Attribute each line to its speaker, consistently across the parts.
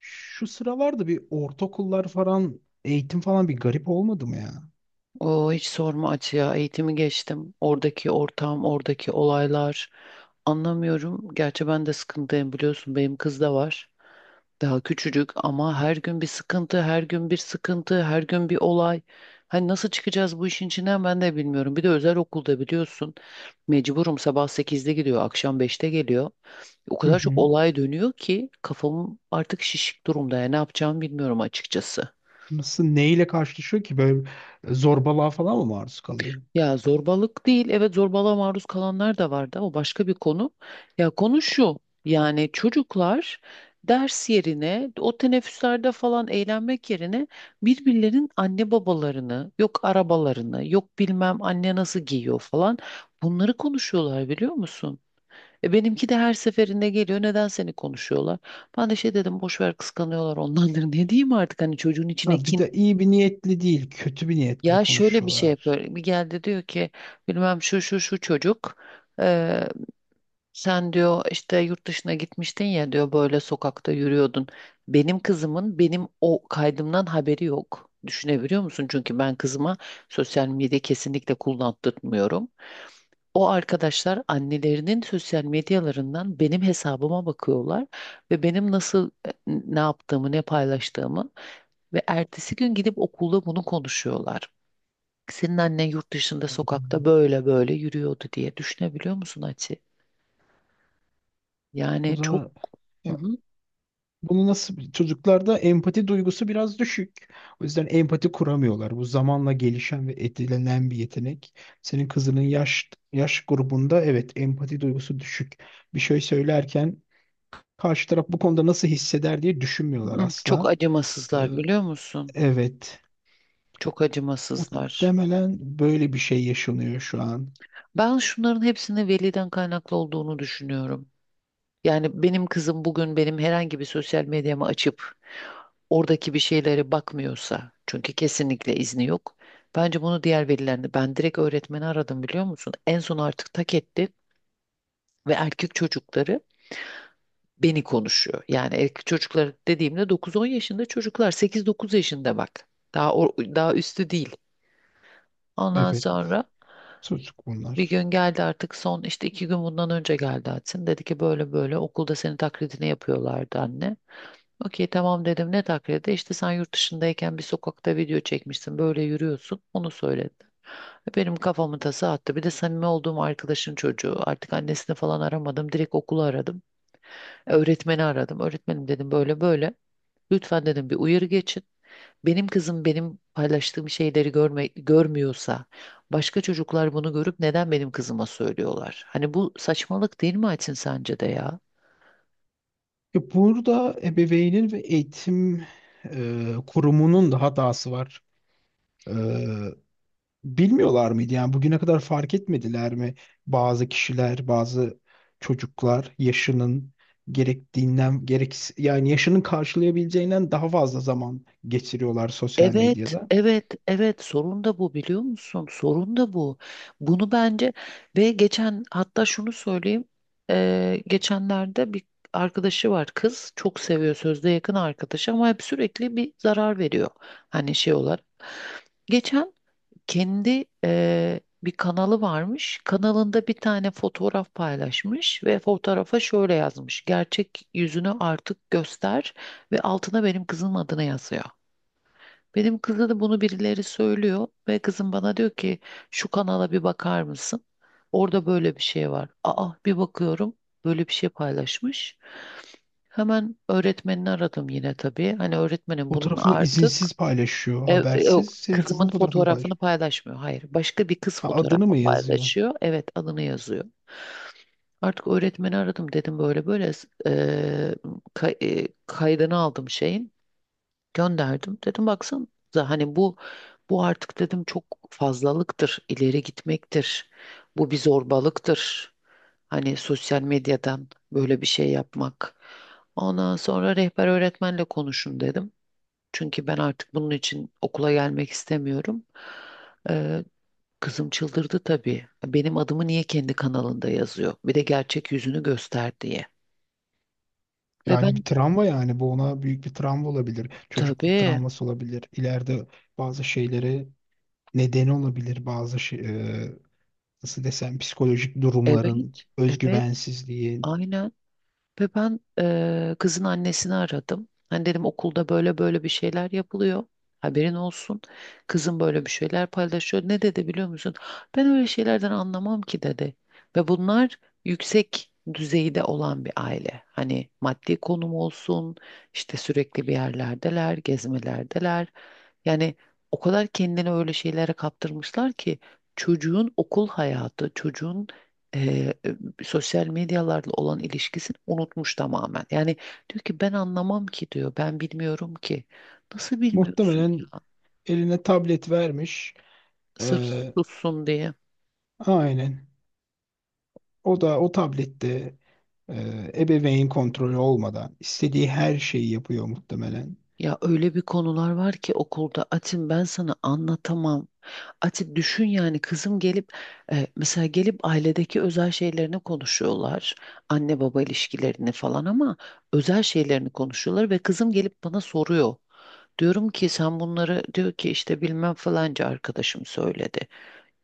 Speaker 1: Şu sıralarda bir ortaokullar falan eğitim falan bir garip olmadı mı ya?
Speaker 2: O hiç sorma Ati ya. Eğitimi geçtim. Oradaki ortam, oradaki olaylar. Anlamıyorum. Gerçi ben de sıkıntıyım biliyorsun. Benim kız da var. Daha küçücük ama her gün bir sıkıntı, her gün bir sıkıntı, her gün bir olay. Hani nasıl çıkacağız bu işin içinden ben de bilmiyorum. Bir de özel okulda biliyorsun. Mecburum sabah 8'de gidiyor, akşam 5'te geliyor. O
Speaker 1: Hı
Speaker 2: kadar çok
Speaker 1: hı.
Speaker 2: olay dönüyor ki kafam artık şişik durumda. Yani ne yapacağımı bilmiyorum açıkçası.
Speaker 1: Nasıl neyle karşılaşıyor ki böyle zorbalığa falan mı maruz kalıyor?
Speaker 2: Ya zorbalık değil, evet zorbalığa maruz kalanlar da vardı. O başka bir konu. Ya konu şu, yani çocuklar ders yerine, o teneffüslerde falan eğlenmek yerine birbirlerinin anne babalarını, yok arabalarını, yok bilmem anne nasıl giyiyor falan bunları konuşuyorlar biliyor musun? E benimki de her seferinde geliyor. Neden seni konuşuyorlar? Ben de şey dedim boş ver kıskanıyorlar onlardır. Ne diyeyim artık hani çocuğun içine
Speaker 1: Ha, bir
Speaker 2: kin
Speaker 1: de iyi bir niyetli değil, kötü bir niyetli
Speaker 2: ya şöyle bir şey yapıyor.
Speaker 1: konuşuyorlar.
Speaker 2: Bir geldi diyor ki bilmem şu şu şu çocuk eee, sen diyor işte yurt dışına gitmiştin ya diyor böyle sokakta yürüyordun. Benim kızımın benim o kaydımdan haberi yok. Düşünebiliyor musun? Çünkü ben kızıma sosyal medya kesinlikle kullandırmıyorum. O arkadaşlar annelerinin sosyal medyalarından benim hesabıma bakıyorlar ve benim nasıl ne yaptığımı, ne paylaştığımı ve ertesi gün gidip okulda bunu konuşuyorlar. Senin annen yurt dışında sokakta böyle böyle yürüyordu diye düşünebiliyor musun Ati?
Speaker 1: Bu
Speaker 2: Yani çok.
Speaker 1: da
Speaker 2: Hı
Speaker 1: ya,
Speaker 2: hı.
Speaker 1: bunu nasıl çocuklarda empati duygusu biraz düşük. O yüzden empati kuramıyorlar. Bu zamanla gelişen ve edinilen bir yetenek. Senin kızının yaş grubunda evet empati duygusu düşük. Bir şey söylerken karşı taraf bu konuda nasıl hisseder diye
Speaker 2: Hı
Speaker 1: düşünmüyorlar
Speaker 2: hı. Çok
Speaker 1: asla. Ee,
Speaker 2: acımasızlar biliyor musun?
Speaker 1: evet.
Speaker 2: Çok acımasızlar.
Speaker 1: Muhtemelen böyle bir şey yaşanıyor şu an.
Speaker 2: Ben şunların hepsinin veliden kaynaklı olduğunu düşünüyorum. Yani benim kızım bugün benim herhangi bir sosyal medyamı açıp oradaki bir şeylere bakmıyorsa, çünkü kesinlikle izni yok. Bence bunu diğer velilerinde ben direkt öğretmeni aradım biliyor musun? En son artık tak etti ve erkek çocukları beni konuşuyor. Yani erkek çocuklar dediğimde 9-10 yaşında çocuklar 8-9 yaşında bak. Daha daha üstü değil. Ondan
Speaker 1: Evet.
Speaker 2: sonra
Speaker 1: Çocuk
Speaker 2: bir
Speaker 1: bunlar.
Speaker 2: gün geldi artık son işte 2 gün bundan önce geldi Atsin. Dedi ki böyle böyle okulda senin taklidini yapıyorlardı anne. Okey tamam dedim ne taklidi? İşte sen yurt dışındayken bir sokakta video çekmişsin böyle yürüyorsun onu söyledi. Benim kafamı tasa attı. Bir de samimi olduğum arkadaşın çocuğu. Artık annesini falan aramadım. Direkt okulu aradım. Öğretmeni aradım. Öğretmenim dedim böyle böyle. Lütfen dedim bir uyarı geçin. Benim kızım benim paylaştığım şeyleri görme, görmüyorsa başka çocuklar bunu görüp neden benim kızıma söylüyorlar? Hani bu saçmalık değil mi Aytin sence de ya?
Speaker 1: Ya burada ebeveynin ve eğitim kurumunun da hatası var. Ee, bilmiyorlar mıydı? Yani bugüne kadar fark etmediler mi? Bazı kişiler, bazı çocuklar yaşının gerektiğinden gerek yani yaşının karşılayabileceğinden daha fazla zaman geçiriyorlar sosyal
Speaker 2: Evet,
Speaker 1: medyada.
Speaker 2: evet, evet. Sorun da bu biliyor musun? Sorun da bu. Bunu bence ve geçen hatta şunu söyleyeyim. Geçenlerde bir arkadaşı var kız çok seviyor sözde yakın arkadaşı ama hep sürekli bir zarar veriyor. Hani şey olarak. Geçen kendi bir kanalı varmış. Kanalında bir tane fotoğraf paylaşmış ve fotoğrafa şöyle yazmış. Gerçek yüzünü artık göster ve altına benim kızım adını yazıyor. Benim kıza da bunu birileri söylüyor ve kızım bana diyor ki şu kanala bir bakar mısın? Orada böyle bir şey var. Aa bir bakıyorum böyle bir şey paylaşmış. Hemen öğretmenini aradım yine tabii. Hani öğretmenim bunun
Speaker 1: Fotoğrafını izinsiz
Speaker 2: artık
Speaker 1: paylaşıyor, habersiz.
Speaker 2: yok
Speaker 1: Senin kızının
Speaker 2: kızımın
Speaker 1: fotoğrafını
Speaker 2: fotoğrafını
Speaker 1: paylaşıyor.
Speaker 2: paylaşmıyor. Hayır. Başka bir kız
Speaker 1: Ha, adını
Speaker 2: fotoğrafı
Speaker 1: mı yazıyor?
Speaker 2: paylaşıyor. Evet adını yazıyor. Artık öğretmeni aradım dedim böyle böyle e, kaydını aldım şeyin gönderdim. Dedim baksanıza hani bu artık dedim çok fazlalıktır, ileri gitmektir. Bu bir zorbalıktır. Hani sosyal medyadan böyle bir şey yapmak. Ondan sonra rehber öğretmenle konuşun dedim. Çünkü ben artık bunun için okula gelmek istemiyorum. Ee, Kızım çıldırdı tabii. Benim adımı niye kendi kanalında yazıyor? Bir de gerçek yüzünü göster diye. Ve
Speaker 1: Yani
Speaker 2: ben
Speaker 1: bir travma yani bu ona büyük bir travma olabilir. Çocukluk
Speaker 2: tabii.
Speaker 1: travması olabilir. İleride bazı şeylere neden olabilir. Bazı şey, e, nasıl desem psikolojik durumların,
Speaker 2: Evet, evet,
Speaker 1: özgüvensizliğin.
Speaker 2: aynen. Ve ben kızın annesini aradım. Hani dedim okulda böyle böyle bir şeyler yapılıyor. Haberin olsun. Kızım böyle bir şeyler paylaşıyor. Ne dedi biliyor musun? Ben öyle şeylerden anlamam ki dedi. Ve bunlar yüksek düzeyde olan bir aile. Hani maddi konum olsun, işte sürekli bir yerlerdeler, gezmelerdeler. Yani o kadar kendini öyle şeylere kaptırmışlar ki çocuğun okul hayatı, çocuğun sosyal medyalarla olan ilişkisini unutmuş tamamen. Yani diyor ki ben anlamam ki diyor. Ben bilmiyorum ki. Nasıl bilmiyorsun
Speaker 1: Muhtemelen
Speaker 2: ya?
Speaker 1: eline tablet vermiş. E,
Speaker 2: Sırf sussun diye.
Speaker 1: aynen. O da o tablette e, ebeveyn kontrolü olmadan istediği her şeyi yapıyor muhtemelen.
Speaker 2: Ya öyle bir konular var ki okulda Atin ben sana anlatamam. Atin düşün yani kızım gelip mesela gelip ailedeki özel şeylerini konuşuyorlar. Anne baba ilişkilerini falan ama özel şeylerini konuşuyorlar ve kızım gelip bana soruyor. Diyorum ki sen bunları diyor ki işte bilmem falanca arkadaşım söyledi.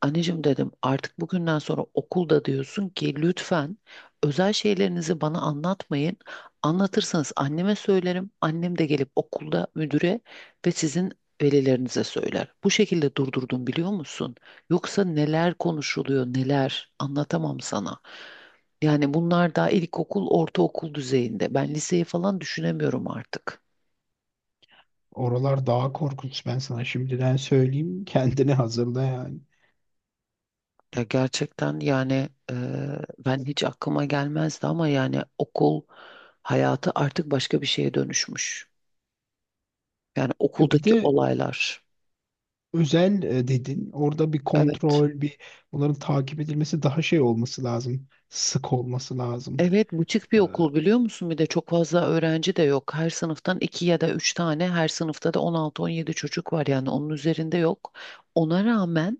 Speaker 2: Anneciğim dedim artık bugünden sonra okulda diyorsun ki lütfen özel şeylerinizi bana anlatmayın. Anlatırsanız anneme söylerim. Annem de gelip okulda müdüre ve sizin velilerinize söyler. Bu şekilde durdurdum biliyor musun? Yoksa neler konuşuluyor neler anlatamam sana. Yani bunlar daha ilkokul, ortaokul düzeyinde. Ben liseyi falan düşünemiyorum artık.
Speaker 1: Oralar daha korkunç ben sana şimdiden söyleyeyim. Kendini hazırla yani.
Speaker 2: Ya gerçekten yani ben hiç aklıma gelmezdi ama yani okul hayatı artık başka bir şeye dönüşmüş. Yani
Speaker 1: E bir
Speaker 2: okuldaki
Speaker 1: de
Speaker 2: olaylar.
Speaker 1: özel dedin. Orada bir
Speaker 2: Evet.
Speaker 1: kontrol, bir bunların takip edilmesi daha şey olması lazım. Sık olması lazım.
Speaker 2: Evet, buçuk bir
Speaker 1: E,
Speaker 2: okul biliyor musun? Bir de çok fazla öğrenci de yok. Her sınıftan iki ya da üç tane, her sınıfta da 16-17 çocuk var yani onun üzerinde yok. Ona rağmen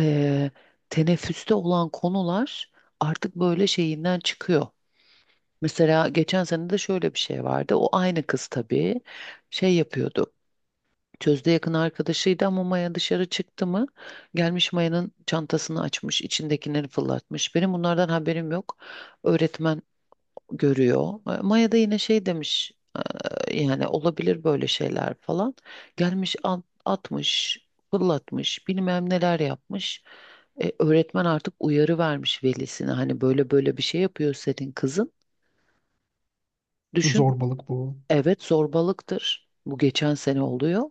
Speaker 2: e, teneffüste olan konular artık böyle şeyinden çıkıyor. Mesela geçen sene de şöyle bir şey vardı. O aynı kız tabii şey yapıyordu. Sözde yakın arkadaşıydı ama Maya dışarı çıktı mı gelmiş Maya'nın çantasını açmış, içindekileri fırlatmış. Benim bunlardan haberim yok. Öğretmen görüyor. Maya da yine şey demiş. Yani olabilir böyle şeyler falan. Gelmiş atmış, fırlatmış, bilmem neler yapmış." Öğretmen artık uyarı vermiş velisine. Hani böyle böyle bir şey yapıyor senin kızın. Düşün.
Speaker 1: zorbalık bu.
Speaker 2: Evet zorbalıktır. Bu geçen sene oluyor.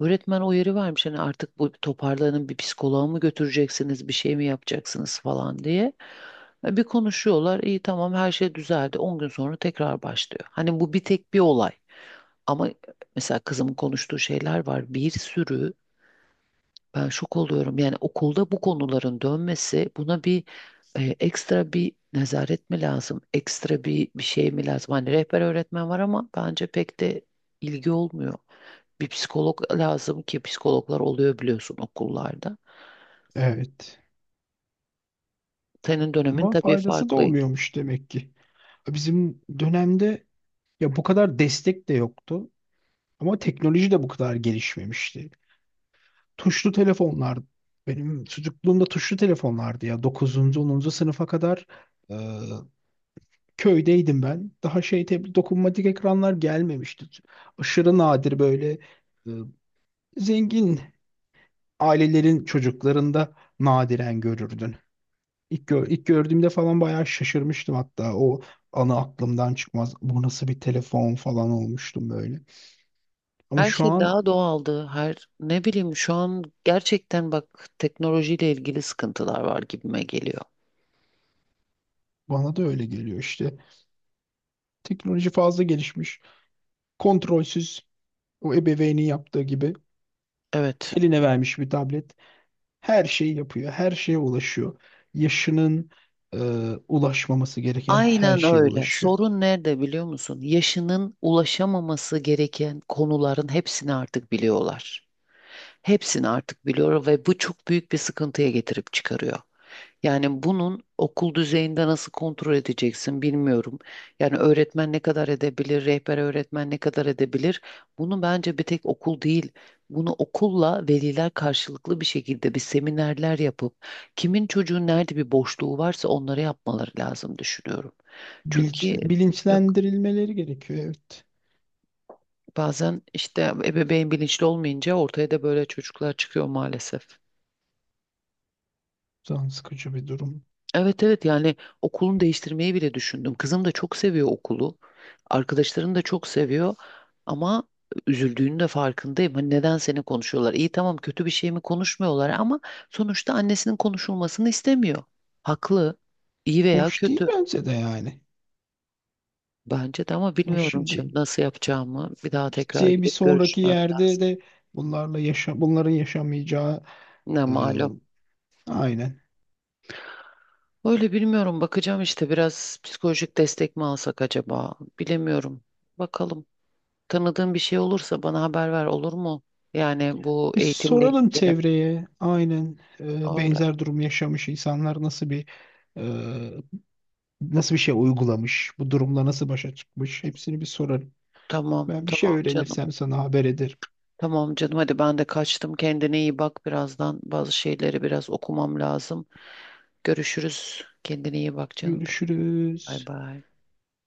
Speaker 2: Öğretmen o yeri vermiş hani artık bu toparlanın bir psikoloğa mı götüreceksiniz bir şey mi yapacaksınız falan diye. Bir konuşuyorlar iyi tamam her şey düzeldi. 10 gün sonra tekrar başlıyor. Hani bu bir tek bir olay ama mesela kızımın konuştuğu şeyler var bir sürü ben şok oluyorum. Yani okulda bu konuların dönmesi buna bir ekstra bir nezaret mi lazım? Ekstra bir şey mi lazım? Hani rehber öğretmen var ama bence pek de ilgi olmuyor. Bir psikolog lazım ki psikologlar oluyor biliyorsun okullarda.
Speaker 1: Evet.
Speaker 2: Senin dönemin
Speaker 1: Ama
Speaker 2: tabii
Speaker 1: faydası da
Speaker 2: farklı.
Speaker 1: olmuyormuş demek ki. Bizim dönemde ya bu kadar destek de yoktu. Ama teknoloji de bu kadar gelişmemişti. Tuşlu telefonlar benim çocukluğumda tuşlu telefonlardı ya. Dokuzuncu onuncu sınıfa kadar e, köydeydim ben. Daha dokunmatik ekranlar gelmemişti. Aşırı nadir böyle e, zengin ailelerin çocuklarında nadiren görürdün. İlk gördüğümde falan bayağı şaşırmıştım, hatta o anı aklımdan çıkmaz. Bu nasıl bir telefon falan olmuştum böyle. Ama
Speaker 2: Her
Speaker 1: şu
Speaker 2: şey
Speaker 1: an
Speaker 2: daha doğaldı. Her ne bileyim şu an gerçekten bak teknolojiyle ilgili sıkıntılar var gibime geliyor.
Speaker 1: bana da öyle geliyor işte. Teknoloji fazla gelişmiş, kontrolsüz. O ebeveynin yaptığı gibi
Speaker 2: Evet.
Speaker 1: eline vermiş bir tablet, her şeyi yapıyor, her şeye ulaşıyor. Yaşının e, ulaşmaması gereken her
Speaker 2: Aynen
Speaker 1: şeye
Speaker 2: öyle.
Speaker 1: ulaşıyor.
Speaker 2: Sorun nerede biliyor musun? Yaşının ulaşamaması gereken konuların hepsini artık biliyorlar. Hepsini artık biliyor ve bu çok büyük bir sıkıntıya getirip çıkarıyor. Yani bunun okul düzeyinde nasıl kontrol edeceksin bilmiyorum. Yani öğretmen ne kadar edebilir, rehber öğretmen ne kadar edebilir? Bunu bence bir tek okul değil. Bunu okulla veliler karşılıklı bir şekilde bir seminerler yapıp kimin çocuğun nerede bir boşluğu varsa onları yapmaları lazım düşünüyorum.
Speaker 1: Bilinç,
Speaker 2: Çünkü yok
Speaker 1: bilinçlendirilmeleri gerekiyor, evet.
Speaker 2: bazen işte ebeveyn bilinçli olmayınca ortaya da böyle çocuklar çıkıyor maalesef.
Speaker 1: Can sıkıcı bir durum.
Speaker 2: Evet, evet, yani okulunu değiştirmeyi bile düşündüm. Kızım da çok seviyor okulu. Arkadaşlarını da çok seviyor. Ama üzüldüğünün de farkındayım. Hani neden seni konuşuyorlar? İyi tamam kötü bir şey mi konuşmuyorlar ama sonuçta annesinin konuşulmasını istemiyor. Haklı. İyi veya
Speaker 1: Hoş değil
Speaker 2: kötü.
Speaker 1: bence de yani.
Speaker 2: Bence de ama
Speaker 1: Hoş
Speaker 2: bilmiyorum şimdi
Speaker 1: şimdi
Speaker 2: nasıl yapacağımı. Bir daha tekrar
Speaker 1: gideceği bir
Speaker 2: gidip
Speaker 1: sonraki
Speaker 2: görüşmem
Speaker 1: yerde
Speaker 2: lazım.
Speaker 1: de bunlarla yaşa bunların yaşamayacağı
Speaker 2: Ne
Speaker 1: e,
Speaker 2: malum.
Speaker 1: aynen.
Speaker 2: Öyle bilmiyorum bakacağım işte biraz psikolojik destek mi alsak acaba bilemiyorum. Bakalım tanıdığın bir şey olursa bana haber ver olur mu? Yani bu
Speaker 1: Biz
Speaker 2: eğitimle
Speaker 1: soralım
Speaker 2: ilgili.
Speaker 1: çevreye, aynen,
Speaker 2: Öyle.
Speaker 1: benzer durum yaşamış insanlar nasıl bir e, nasıl bir şey uygulamış, bu durumla nasıl başa çıkmış hepsini bir sorarım.
Speaker 2: Tamam,
Speaker 1: Ben bir şey
Speaker 2: tamam canım.
Speaker 1: öğrenirsem sana haber ederim.
Speaker 2: Tamam canım hadi ben de kaçtım kendine iyi bak birazdan bazı şeyleri biraz okumam lazım. Görüşürüz kendine iyi bak canım benim. Bay
Speaker 1: Görüşürüz.
Speaker 2: bay.